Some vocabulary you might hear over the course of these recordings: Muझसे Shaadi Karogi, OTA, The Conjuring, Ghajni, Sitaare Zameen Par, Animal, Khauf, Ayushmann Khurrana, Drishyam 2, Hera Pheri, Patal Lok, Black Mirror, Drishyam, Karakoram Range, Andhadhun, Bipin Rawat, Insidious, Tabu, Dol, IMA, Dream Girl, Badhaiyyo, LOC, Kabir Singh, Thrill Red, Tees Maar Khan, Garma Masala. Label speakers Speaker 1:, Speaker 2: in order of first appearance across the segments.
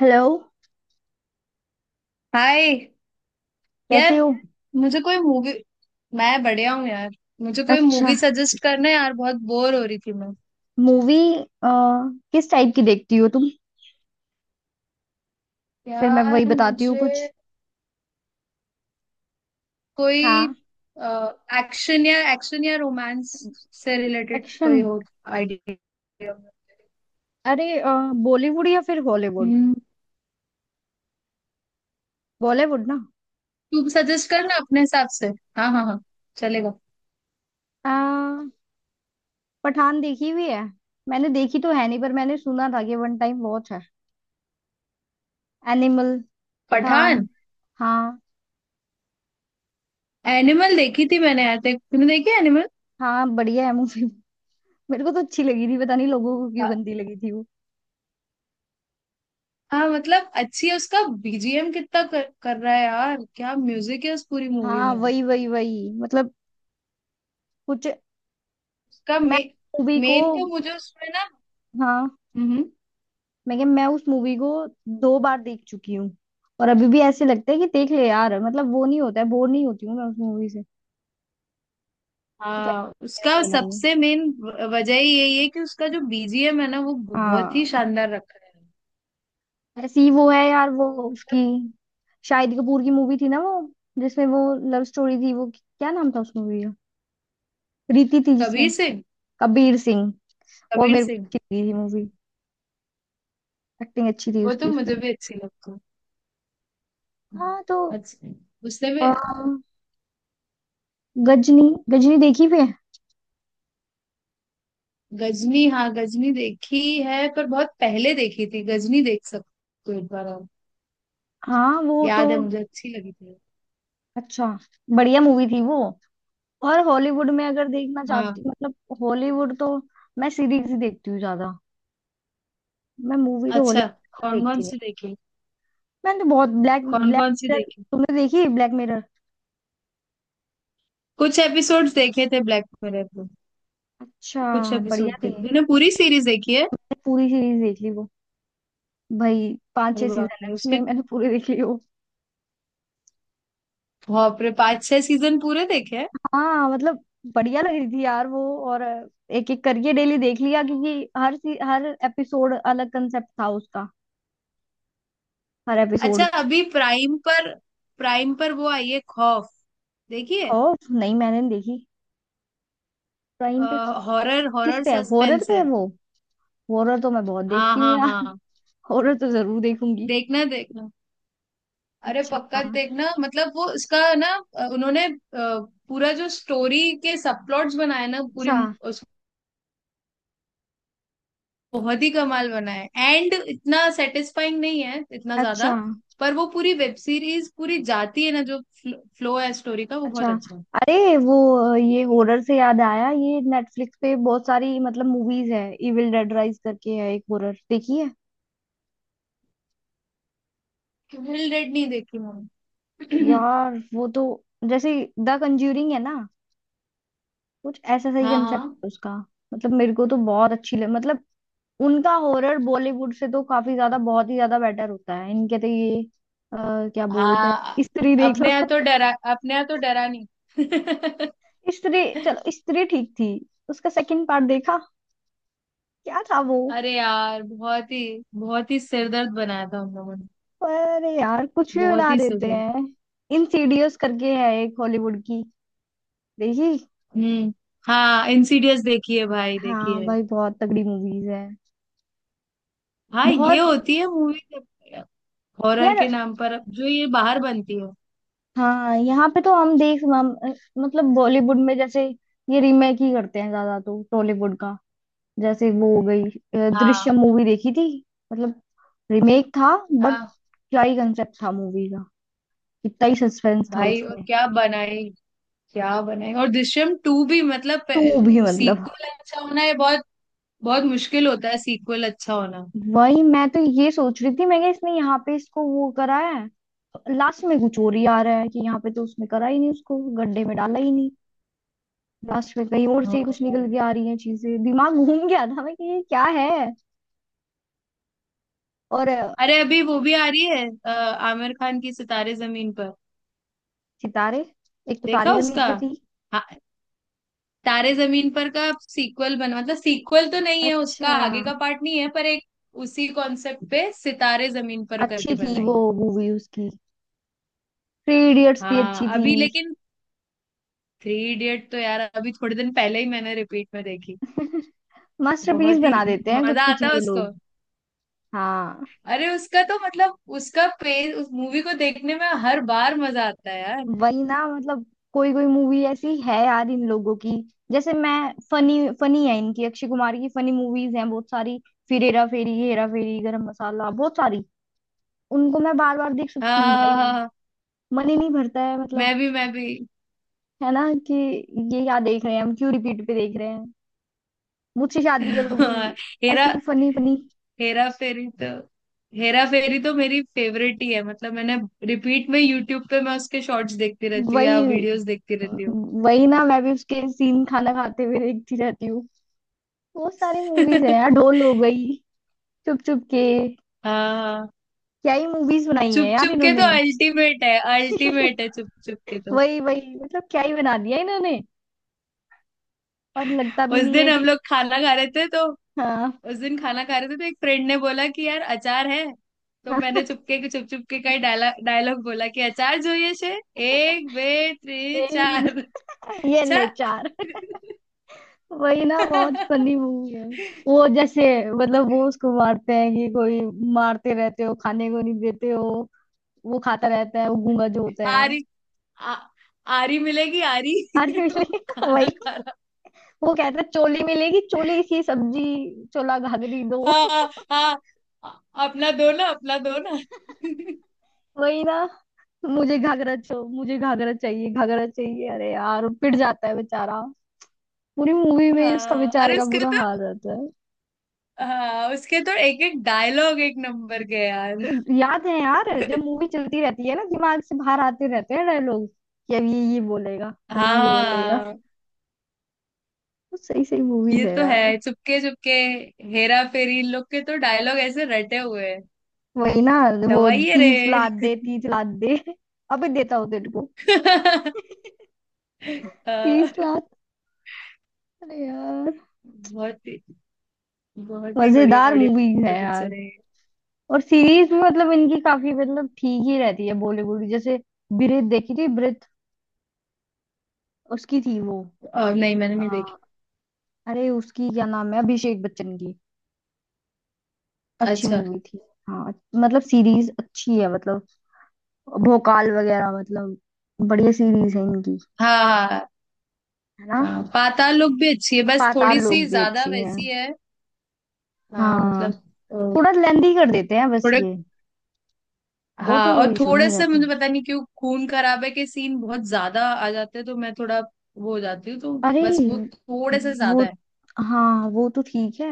Speaker 1: Hello.
Speaker 2: Hi.
Speaker 1: कैसे
Speaker 2: यार।
Speaker 1: हो?
Speaker 2: मुझे कोई मूवी। मैं बढ़िया हूँ यार। मुझे कोई
Speaker 1: अच्छा,
Speaker 2: मूवी सजेस्ट करना यार, बहुत बोर हो रही थी मैं।
Speaker 1: मूवी। किस टाइप की देखती हो तुम? फिर मैं वही
Speaker 2: यार,
Speaker 1: बताती हूँ कुछ।
Speaker 2: मुझे कोई
Speaker 1: हाँ।
Speaker 2: एक्शन या रोमांस से रिलेटेड
Speaker 1: एक्शन।
Speaker 2: कोई हो आइडिया।
Speaker 1: अरे, बॉलीवुड या फिर हॉलीवुड?
Speaker 2: हम्म।
Speaker 1: बॉलीवुड ना।
Speaker 2: तू सजेस्ट करना अपने हिसाब से। हाँ हाँ हाँ, चलेगा।
Speaker 1: अ, पठान देखी हुई है? मैंने देखी तो है नहीं, पर मैंने सुना था कि वन टाइम वॉच है। एनिमल, पठान।
Speaker 2: पठान।
Speaker 1: हाँ।
Speaker 2: एनिमल देखी थी मैंने यार। तूने देखी एनिमल?
Speaker 1: हाँ, बढ़िया है मूवी। मेरे को तो अच्छी लगी थी, पता नहीं लोगों को क्यों
Speaker 2: हाँ।
Speaker 1: गंदी लगी थी वो।
Speaker 2: हाँ, मतलब अच्छी है। उसका बीजीएम कितना कर रहा है यार, क्या म्यूजिक है उस पूरी मूवी
Speaker 1: हाँ,
Speaker 2: में।
Speaker 1: वही वही वही मतलब, कुछ।
Speaker 2: उसका
Speaker 1: मैं मूवी को।
Speaker 2: मेन तो मुझे उसमें ना।
Speaker 1: हाँ।
Speaker 2: हम्म।
Speaker 1: मैं क्या, मैं उस मूवी को 2 बार देख चुकी हूँ, और अभी भी ऐसे लगता है कि देख ले यार मतलब। वो नहीं होता है, बोर नहीं होती हूँ मैं उस मूवी से। कुछ
Speaker 2: हाँ,
Speaker 1: ऐसा
Speaker 2: उसका
Speaker 1: इन्होंने बनाई है।
Speaker 2: सबसे मेन वजह ही यही है कि उसका जो बीजीएम है ना, वो बहुत ही
Speaker 1: हाँ,
Speaker 2: शानदार रखा है।
Speaker 1: ऐसी ही वो है यार वो।
Speaker 2: मतलब।
Speaker 1: उसकी, शाहिद कपूर की मूवी थी ना वो, जिसमें वो लव स्टोरी थी। वो क्या नाम था उस मूवी का? रीति थी जिसमें।
Speaker 2: कबीर सिंह।
Speaker 1: कबीर सिंह। वो
Speaker 2: कबीर
Speaker 1: मेरे
Speaker 2: सिंह।
Speaker 1: को अच्छी लगी थी मूवी, एक्टिंग अच्छी थी
Speaker 2: वो
Speaker 1: उसकी
Speaker 2: तो मुझे
Speaker 1: उसमें।
Speaker 2: भी अच्छी लगती है।
Speaker 1: हाँ तो
Speaker 2: अच्छा। उसने भी।
Speaker 1: अ, गजनी। गजनी देखी फिर?
Speaker 2: गजनी। हाँ, गजनी देखी है पर बहुत पहले देखी थी। गजनी देख सकते हो एक बार आप।
Speaker 1: हाँ वो तो।
Speaker 2: याद है, मुझे अच्छी लगी थी।
Speaker 1: अच्छा। बढ़िया मूवी थी वो। और हॉलीवुड में अगर देखना चाहती
Speaker 2: हाँ।
Speaker 1: हूँ, मतलब हॉलीवुड तो मैं सीरीज ही देखती हूँ ज्यादा, मैं मूवी तो
Speaker 2: अच्छा।
Speaker 1: हॉलीवुड
Speaker 2: कौन कौन
Speaker 1: देखती नहीं।
Speaker 2: सी देखी।
Speaker 1: मैंने तो बहुत ब्लैक,
Speaker 2: कौन
Speaker 1: ब्लैक
Speaker 2: कौन सी
Speaker 1: मिरर।
Speaker 2: देखी।
Speaker 1: तुमने देखी ब्लैक मिरर?
Speaker 2: कुछ एपिसोड्स देखे थे ब्लैक मिरर के।
Speaker 1: अच्छा।
Speaker 2: कुछ एपिसोड
Speaker 1: बढ़िया थी,
Speaker 2: देखे। तूने
Speaker 1: मैंने
Speaker 2: पूरी सीरीज देखी है?
Speaker 1: पूरी सीरीज देख ली वो। भाई पांच
Speaker 2: अरे
Speaker 1: छह
Speaker 2: बाप
Speaker 1: सीजन है
Speaker 2: रे
Speaker 1: उसमें,
Speaker 2: उसके
Speaker 1: मैंने पूरी देख ली वो।
Speaker 2: बाप रे, 5-6 सीजन पूरे देखे हैं?
Speaker 1: हाँ मतलब बढ़िया लग रही थी यार वो। और एक एक करके डेली देख लिया, क्योंकि हर हर एपिसोड अलग कंसेप्ट था उसका, हर एपिसोड
Speaker 2: अच्छा।
Speaker 1: का।
Speaker 2: अभी प्राइम पर वो आई है खौफ। देखिए।
Speaker 1: खौफ? नहीं, मैंने नहीं देखी। प्राइम पे?
Speaker 2: हॉरर
Speaker 1: किस
Speaker 2: हॉरर
Speaker 1: पे है? हॉरर
Speaker 2: सस्पेंस
Speaker 1: पे
Speaker 2: है।
Speaker 1: है वो? हॉरर तो मैं बहुत
Speaker 2: हाँ
Speaker 1: देखती हूँ
Speaker 2: हाँ
Speaker 1: यार।
Speaker 2: हाँ।
Speaker 1: हॉरर तो जरूर देखूंगी।
Speaker 2: देखना देखना। अरे
Speaker 1: अच्छा,
Speaker 2: पक्का देखना, मतलब वो उसका ना उन्होंने पूरा जो स्टोरी के सब प्लॉट्स बनाए ना पूरी,
Speaker 1: अच्छा,
Speaker 2: बहुत ही कमाल बना है। एंड इतना सेटिस्फाइंग नहीं है इतना
Speaker 1: अच्छा,
Speaker 2: ज्यादा। पर वो पूरी वेब सीरीज पूरी जाती है ना, जो फ्लो है स्टोरी का, वो
Speaker 1: अच्छा।
Speaker 2: बहुत अच्छा है।
Speaker 1: अरे वो, ये हॉरर से याद आया, ये नेटफ्लिक्स पे बहुत सारी मतलब मूवीज है। इविल डेड राइज करके है एक हॉरर, देखी है?
Speaker 2: थ्रिल रेड नहीं देखी मैंने।
Speaker 1: यार वो तो जैसे द कंज्यूरिंग है ना, कुछ ऐसा सही
Speaker 2: हाँ
Speaker 1: कंसेप्ट
Speaker 2: हाँ
Speaker 1: है उसका। मतलब मेरे को तो बहुत अच्छी लग, मतलब उनका हॉरर बॉलीवुड से तो काफी ज्यादा, बहुत ही ज्यादा बेटर होता है इनके तो। ये अ, क्या बोलते हैं,
Speaker 2: हाँ।
Speaker 1: स्त्री देख लो।
Speaker 2: अपने यहाँ तो डरा नहीं।
Speaker 1: स्त्री, चलो स्त्री ठीक थी। उसका सेकंड पार्ट देखा, क्या था वो?
Speaker 2: अरे यार बहुत ही सिरदर्द बनाया था उन लोगों ने।
Speaker 1: अरे यार, कुछ भी
Speaker 2: बहुत
Speaker 1: बना
Speaker 2: ही
Speaker 1: देते
Speaker 2: सिरदर्द।
Speaker 1: हैं। इंसीडियस करके है एक हॉलीवुड की, देखी?
Speaker 2: हम्म। हाँ, इंसीडियस देखी है भाई, देखी
Speaker 1: हाँ
Speaker 2: है।
Speaker 1: भाई, बहुत तगड़ी मूवीज है,
Speaker 2: हाँ, ये
Speaker 1: बहुत।
Speaker 2: होती है मूवी हॉरर के
Speaker 1: यार
Speaker 2: नाम पर जो ये बाहर बनती है।
Speaker 1: हाँ, यहाँ पे तो मतलब बॉलीवुड में जैसे ये रीमेक ही करते हैं ज्यादा तो, टॉलीवुड का। जैसे वो हो गई
Speaker 2: हाँ
Speaker 1: दृश्यम मूवी देखी थी। मतलब रीमेक था, बट
Speaker 2: हाँ।
Speaker 1: क्या ही कंसेप्ट था मूवी का, कितना ही सस्पेंस था
Speaker 2: भाई, और
Speaker 1: उसमें।
Speaker 2: क्या बनाई, क्या बनाई, और दृश्यम टू भी मतलब।
Speaker 1: टू भी मतलब।
Speaker 2: सीक्वल अच्छा होना ये बहुत बहुत मुश्किल होता है, सीक्वल अच्छा होना।
Speaker 1: वही, मैं तो ये सोच रही थी मैं क्या, इसने यहाँ पे इसको वो करा है। लास्ट में कुछ और ही आ रहा है कि यहाँ पे तो उसने करा ही नहीं, उसको गड्ढे में डाला ही नहीं। लास्ट में कहीं और
Speaker 2: हाँ
Speaker 1: से ही कुछ
Speaker 2: भाई।
Speaker 1: निकल के आ रही है चीजें, दिमाग घूम गया था मैं कि ये क्या है। और
Speaker 2: अरे, अभी वो भी आ रही है आमिर खान की सितारे जमीन पर।
Speaker 1: सितारे। एक तो
Speaker 2: देखा
Speaker 1: तारे जमीन
Speaker 2: उसका?
Speaker 1: पे थी।
Speaker 2: हाँ, तारे जमीन पर का सीक्वल बना, मतलब सीक्वल तो नहीं है उसका,
Speaker 1: अच्छा।
Speaker 2: आगे का पार्ट नहीं है पर एक उसी कॉन्सेप्ट पे सितारे जमीन पर करके
Speaker 1: अच्छी थी
Speaker 2: बनाई
Speaker 1: वो
Speaker 2: है।
Speaker 1: मूवी उसकी। थ्री इडियट्स भी अच्छी
Speaker 2: हाँ
Speaker 1: थी।
Speaker 2: अभी, लेकिन थ्री इडियट तो यार अभी थोड़े दिन पहले ही मैंने रिपीट में देखी।
Speaker 1: मास्टरपीस
Speaker 2: बहुत ही।
Speaker 1: बना देते हैं कुछ
Speaker 2: मजा
Speaker 1: कुछ
Speaker 2: आता है
Speaker 1: ये
Speaker 2: उसको।
Speaker 1: लोग। हाँ
Speaker 2: अरे उसका तो मतलब उसका पेज, उस मूवी को देखने में हर बार मजा आता है यार।
Speaker 1: वही ना मतलब, कोई कोई मूवी ऐसी है यार इन लोगों की। जैसे मैं, फनी फनी है इनकी, अक्षय कुमार की फनी मूवीज हैं बहुत सारी। फिर हेरा फेरी, हेरा फेरी, गरम मसाला, बहुत सारी। उनको मैं बार बार देख
Speaker 2: हाँ
Speaker 1: सकती हूँ
Speaker 2: हाँ हाँ हाँ,
Speaker 1: भाई,
Speaker 2: हाँ।
Speaker 1: मन ही नहीं भरता है
Speaker 2: मैं
Speaker 1: मतलब।
Speaker 2: भी मैं भी।
Speaker 1: है ना कि ये क्या देख रहे हैं, हम क्यों रिपीट पे देख रहे हैं? मुझसे शादी करोगी,
Speaker 2: हाँ, हेरा
Speaker 1: ऐसी फनी फनी।
Speaker 2: हेरा फेरी तो। हेरा फेरी तो मेरी फेवरेट ही है मतलब। मैंने रिपीट में यूट्यूब पे मैं उसके शॉर्ट्स देखती रहती हूँ या
Speaker 1: वही,
Speaker 2: वीडियोस देखती रहती हूँ।
Speaker 1: वही ना, मैं भी उसके सीन खाना खाते हुए देखती रहती हूँ। बहुत सारी मूवीज है यार, ढोल हो गई, चुप चुप के,
Speaker 2: हाँ हाँ।
Speaker 1: क्या ही मूवीज बनाई है
Speaker 2: चुप
Speaker 1: यार
Speaker 2: चुप के तो
Speaker 1: इन्होंने।
Speaker 2: अल्टीमेट है, अल्टीमेट है चुप चुप के तो।
Speaker 1: वही वही मतलब, क्या ही बना दिया इन्होंने, और लगता भी
Speaker 2: उस
Speaker 1: नहीं
Speaker 2: दिन
Speaker 1: है
Speaker 2: हम
Speaker 1: कि।
Speaker 2: लोग खाना खा रहे थे तो।
Speaker 1: हाँ,
Speaker 2: उस दिन खाना खा रहे थे तो एक फ्रेंड ने बोला कि यार अचार है। तो
Speaker 1: हाँ।
Speaker 2: मैंने चुप चुप के कई डायलॉग डायलॉग बोला कि अचार જોઈએ છે। एक बे त्रे चार।
Speaker 1: एक-, ये ले
Speaker 2: चार।
Speaker 1: चार। वही ना, बहुत फनी मूवी है। वो जैसे, मतलब वो उसको मारते हैं कि कोई, मारते रहते हो खाने को नहीं देते हो, वो खाता रहता है वो गूंगा जो होता है।
Speaker 2: आरी आ, आरी मिलेगी आरी।
Speaker 1: अरे।
Speaker 2: खाना
Speaker 1: वही,
Speaker 2: खा रहा।
Speaker 1: वो कहता है चोली मिलेगी, चोली सी सब्जी, चोला घाघरी दो।
Speaker 2: हाँ हाँ। अ- अपना दो ना, अपना दो ना।
Speaker 1: वही ना, मुझे घाघरा चाहिए, घाघरा चाहिए। अरे यार, पिट जाता है बेचारा, पूरी मूवी में ही उसका
Speaker 2: हाँ,
Speaker 1: बेचारे
Speaker 2: अरे
Speaker 1: का
Speaker 2: उसके
Speaker 1: बुरा
Speaker 2: तो।
Speaker 1: हाल रहता
Speaker 2: हाँ उसके तो एक एक डायलॉग एक नंबर के यार।
Speaker 1: है। याद है यार, जब मूवी चलती रहती है ना, दिमाग से बाहर आते रहते हैं डायलॉग कि अब ये बोलेगा, अब ये बोलेगा।
Speaker 2: हाँ,
Speaker 1: तो सही सही मूवीज
Speaker 2: ये
Speaker 1: है
Speaker 2: तो
Speaker 1: यार।
Speaker 2: है चुपके चुपके, हेरा फेरी, इन लोग के तो डायलॉग ऐसे रटे हुए हैं।
Speaker 1: वही ना, वो
Speaker 2: दवाइए रे।
Speaker 1: 30 लात दे, 30 लात दे, अबे देता हूँ तेरे को
Speaker 2: अ,
Speaker 1: 30 लात। अरे यार,
Speaker 2: बहुत ही बहुत ही बढ़िया
Speaker 1: मजेदार मूवी
Speaker 2: बढ़िया
Speaker 1: है यार।
Speaker 2: पिक्चर है।
Speaker 1: और सीरीज भी मतलब इनकी काफी, मतलब ठीक ही रहती है बॉलीवुड की। जैसे ब्रीथ, देखी थी ब्रीथ? उसकी थी वो,
Speaker 2: और नहीं, मैंने
Speaker 1: अ,
Speaker 2: नहीं देखी।
Speaker 1: अरे उसकी क्या नाम है, अभिषेक बच्चन की, अच्छी
Speaker 2: अच्छा।
Speaker 1: मूवी थी। हाँ मतलब सीरीज अच्छी है, मतलब भोकाल वगैरह, मतलब बढ़िया सीरीज है इनकी।
Speaker 2: हाँ हाँ
Speaker 1: है ना?
Speaker 2: हाँ, पाताल लोक भी अच्छी है, बस
Speaker 1: पाताल
Speaker 2: थोड़ी सी
Speaker 1: लोक भी
Speaker 2: ज्यादा
Speaker 1: अच्छी है।
Speaker 2: वैसी है। हाँ
Speaker 1: हाँ
Speaker 2: मतलब अ,
Speaker 1: थोड़ा लेंदी कर देते हैं बस
Speaker 2: थोड़े।
Speaker 1: ये, और तो
Speaker 2: हाँ, और
Speaker 1: कोई इशू
Speaker 2: थोड़े
Speaker 1: नहीं
Speaker 2: से
Speaker 1: रहता।
Speaker 2: मुझे पता नहीं क्यों खून खराबे के सीन बहुत ज्यादा आ जाते हैं तो मैं थोड़ा। वो हो जाती हूँ तो
Speaker 1: अरे
Speaker 2: बस, वो थोड़े से
Speaker 1: वो,
Speaker 2: ज्यादा है।
Speaker 1: हाँ वो तो ठीक है।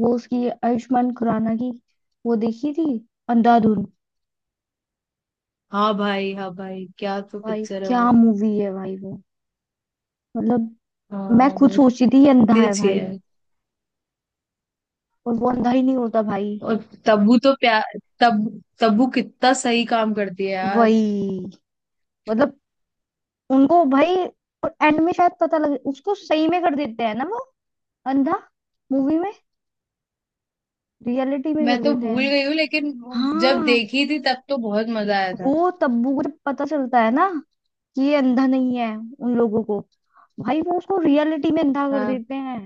Speaker 1: वो उसकी आयुष्मान खुराना की, वो देखी थी, अंधाधुन।
Speaker 2: हाँ भाई, हाँ भाई, क्या तो
Speaker 1: भाई
Speaker 2: पिक्चर है
Speaker 1: क्या
Speaker 2: वो।
Speaker 1: मूवी है भाई वो, मतलब। मैं
Speaker 2: हाँ,
Speaker 1: खुद
Speaker 2: बहुत
Speaker 1: सोचती थी ये अंधा
Speaker 2: ही
Speaker 1: है
Speaker 2: अच्छी
Speaker 1: भाई,
Speaker 2: है।
Speaker 1: और वो अंधा ही नहीं होता भाई।
Speaker 2: और तब्बू तो प्यार तब तब्बू कितना सही काम करती है यार।
Speaker 1: वही मतलब, उनको भाई, और एंड में शायद पता लगे उसको, सही में कर देते हैं ना वो अंधा। मूवी में, रियलिटी में
Speaker 2: मैं
Speaker 1: कर
Speaker 2: तो
Speaker 1: देते
Speaker 2: भूल
Speaker 1: हैं।
Speaker 2: गई हूँ, लेकिन जब
Speaker 1: हाँ
Speaker 2: देखी थी तब तो बहुत मजा आया था।
Speaker 1: वो तब्बू को जब पता चलता है ना कि ये अंधा नहीं है, उन लोगों को भाई, वो उसको रियलिटी में अंधा कर
Speaker 2: हाँ।
Speaker 1: देते हैं।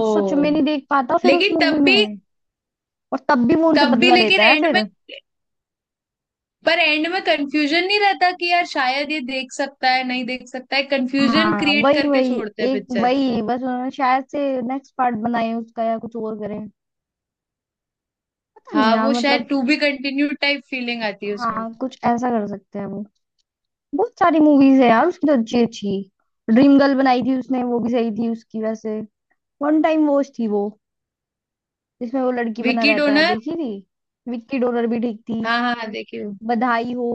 Speaker 1: वो सच में नहीं देख पाता फिर उस
Speaker 2: लेकिन
Speaker 1: मूवी
Speaker 2: तब भी।
Speaker 1: में, और तब भी वो उनसे
Speaker 2: तब भी,
Speaker 1: बदला
Speaker 2: लेकिन
Speaker 1: लेता है
Speaker 2: एंड में।
Speaker 1: फिर।
Speaker 2: पर एंड में कंफ्यूजन नहीं रहता कि यार शायद ये देख सकता है, नहीं देख सकता है, कंफ्यूजन
Speaker 1: हाँ
Speaker 2: क्रिएट
Speaker 1: वही
Speaker 2: करके
Speaker 1: वही,
Speaker 2: छोड़ते हैं
Speaker 1: एक
Speaker 2: पिक्चर।
Speaker 1: वही बस, उन्होंने शायद से नेक्स्ट पार्ट बनाए उसका या कुछ और करें, पता नहीं
Speaker 2: हाँ,
Speaker 1: यार
Speaker 2: वो शायद
Speaker 1: मतलब।
Speaker 2: To be continue type feeling आती है उसमें।
Speaker 1: हाँ कुछ ऐसा कर सकते हैं वो। बहुत सारी मूवीज है यार उसकी तो, अच्छी अच्छी। ड्रीम गर्ल बनाई थी उसने, वो भी सही थी उसकी वैसे, वन टाइम वॉच थी वो, जिसमें वो लड़की बना
Speaker 2: विकी
Speaker 1: रहता है,
Speaker 2: डोनर।
Speaker 1: देखी थी? विक्की डोनर भी ठीक थी।
Speaker 2: हाँ हाँ हाँ, देखिए।
Speaker 1: बधाई हो,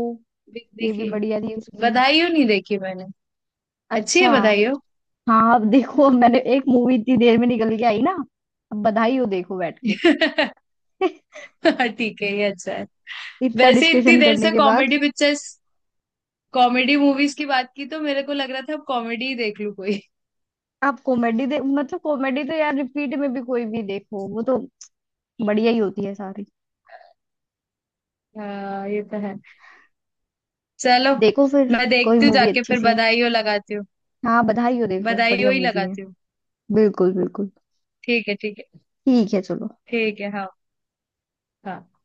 Speaker 1: ये भी
Speaker 2: देखिए।
Speaker 1: बढ़िया थी उसकी।
Speaker 2: बधाइयो नहीं देखी मैंने। अच्छी है
Speaker 1: अच्छा।
Speaker 2: बधाइयो।
Speaker 1: हाँ अब देखो, मैंने एक मूवी इतनी देर में निकल के आई ना। अब बधाई हो देखो बैठ के।
Speaker 2: ठीक है, ये अच्छा है।
Speaker 1: इतना
Speaker 2: वैसे, इतनी
Speaker 1: डिस्कशन
Speaker 2: देर
Speaker 1: करने
Speaker 2: से
Speaker 1: के बाद।
Speaker 2: कॉमेडी मूवीज की बात की तो मेरे को लग रहा था अब कॉमेडी ही देख लूं कोई।
Speaker 1: आप कॉमेडी दे, मतलब कॉमेडी तो यार, रिपीट में भी कोई भी देखो, वो तो बढ़िया ही होती है सारी।
Speaker 2: हाँ, ये तो है। चलो।
Speaker 1: देखो फिर
Speaker 2: मैं
Speaker 1: कोई
Speaker 2: देखती हूँ
Speaker 1: मूवी
Speaker 2: जाके
Speaker 1: अच्छी
Speaker 2: फिर
Speaker 1: सी।
Speaker 2: बधाइयो लगाती हूँ।
Speaker 1: हाँ बधाई हो देखो,
Speaker 2: बधाइयो
Speaker 1: बढ़िया
Speaker 2: ही
Speaker 1: मूवी है।
Speaker 2: लगाती हूँ।
Speaker 1: बिल्कुल बिल्कुल।
Speaker 2: ठीक है, ठीक है।
Speaker 1: ठीक है चलो।
Speaker 2: ठीक है, हाँ। हाँ।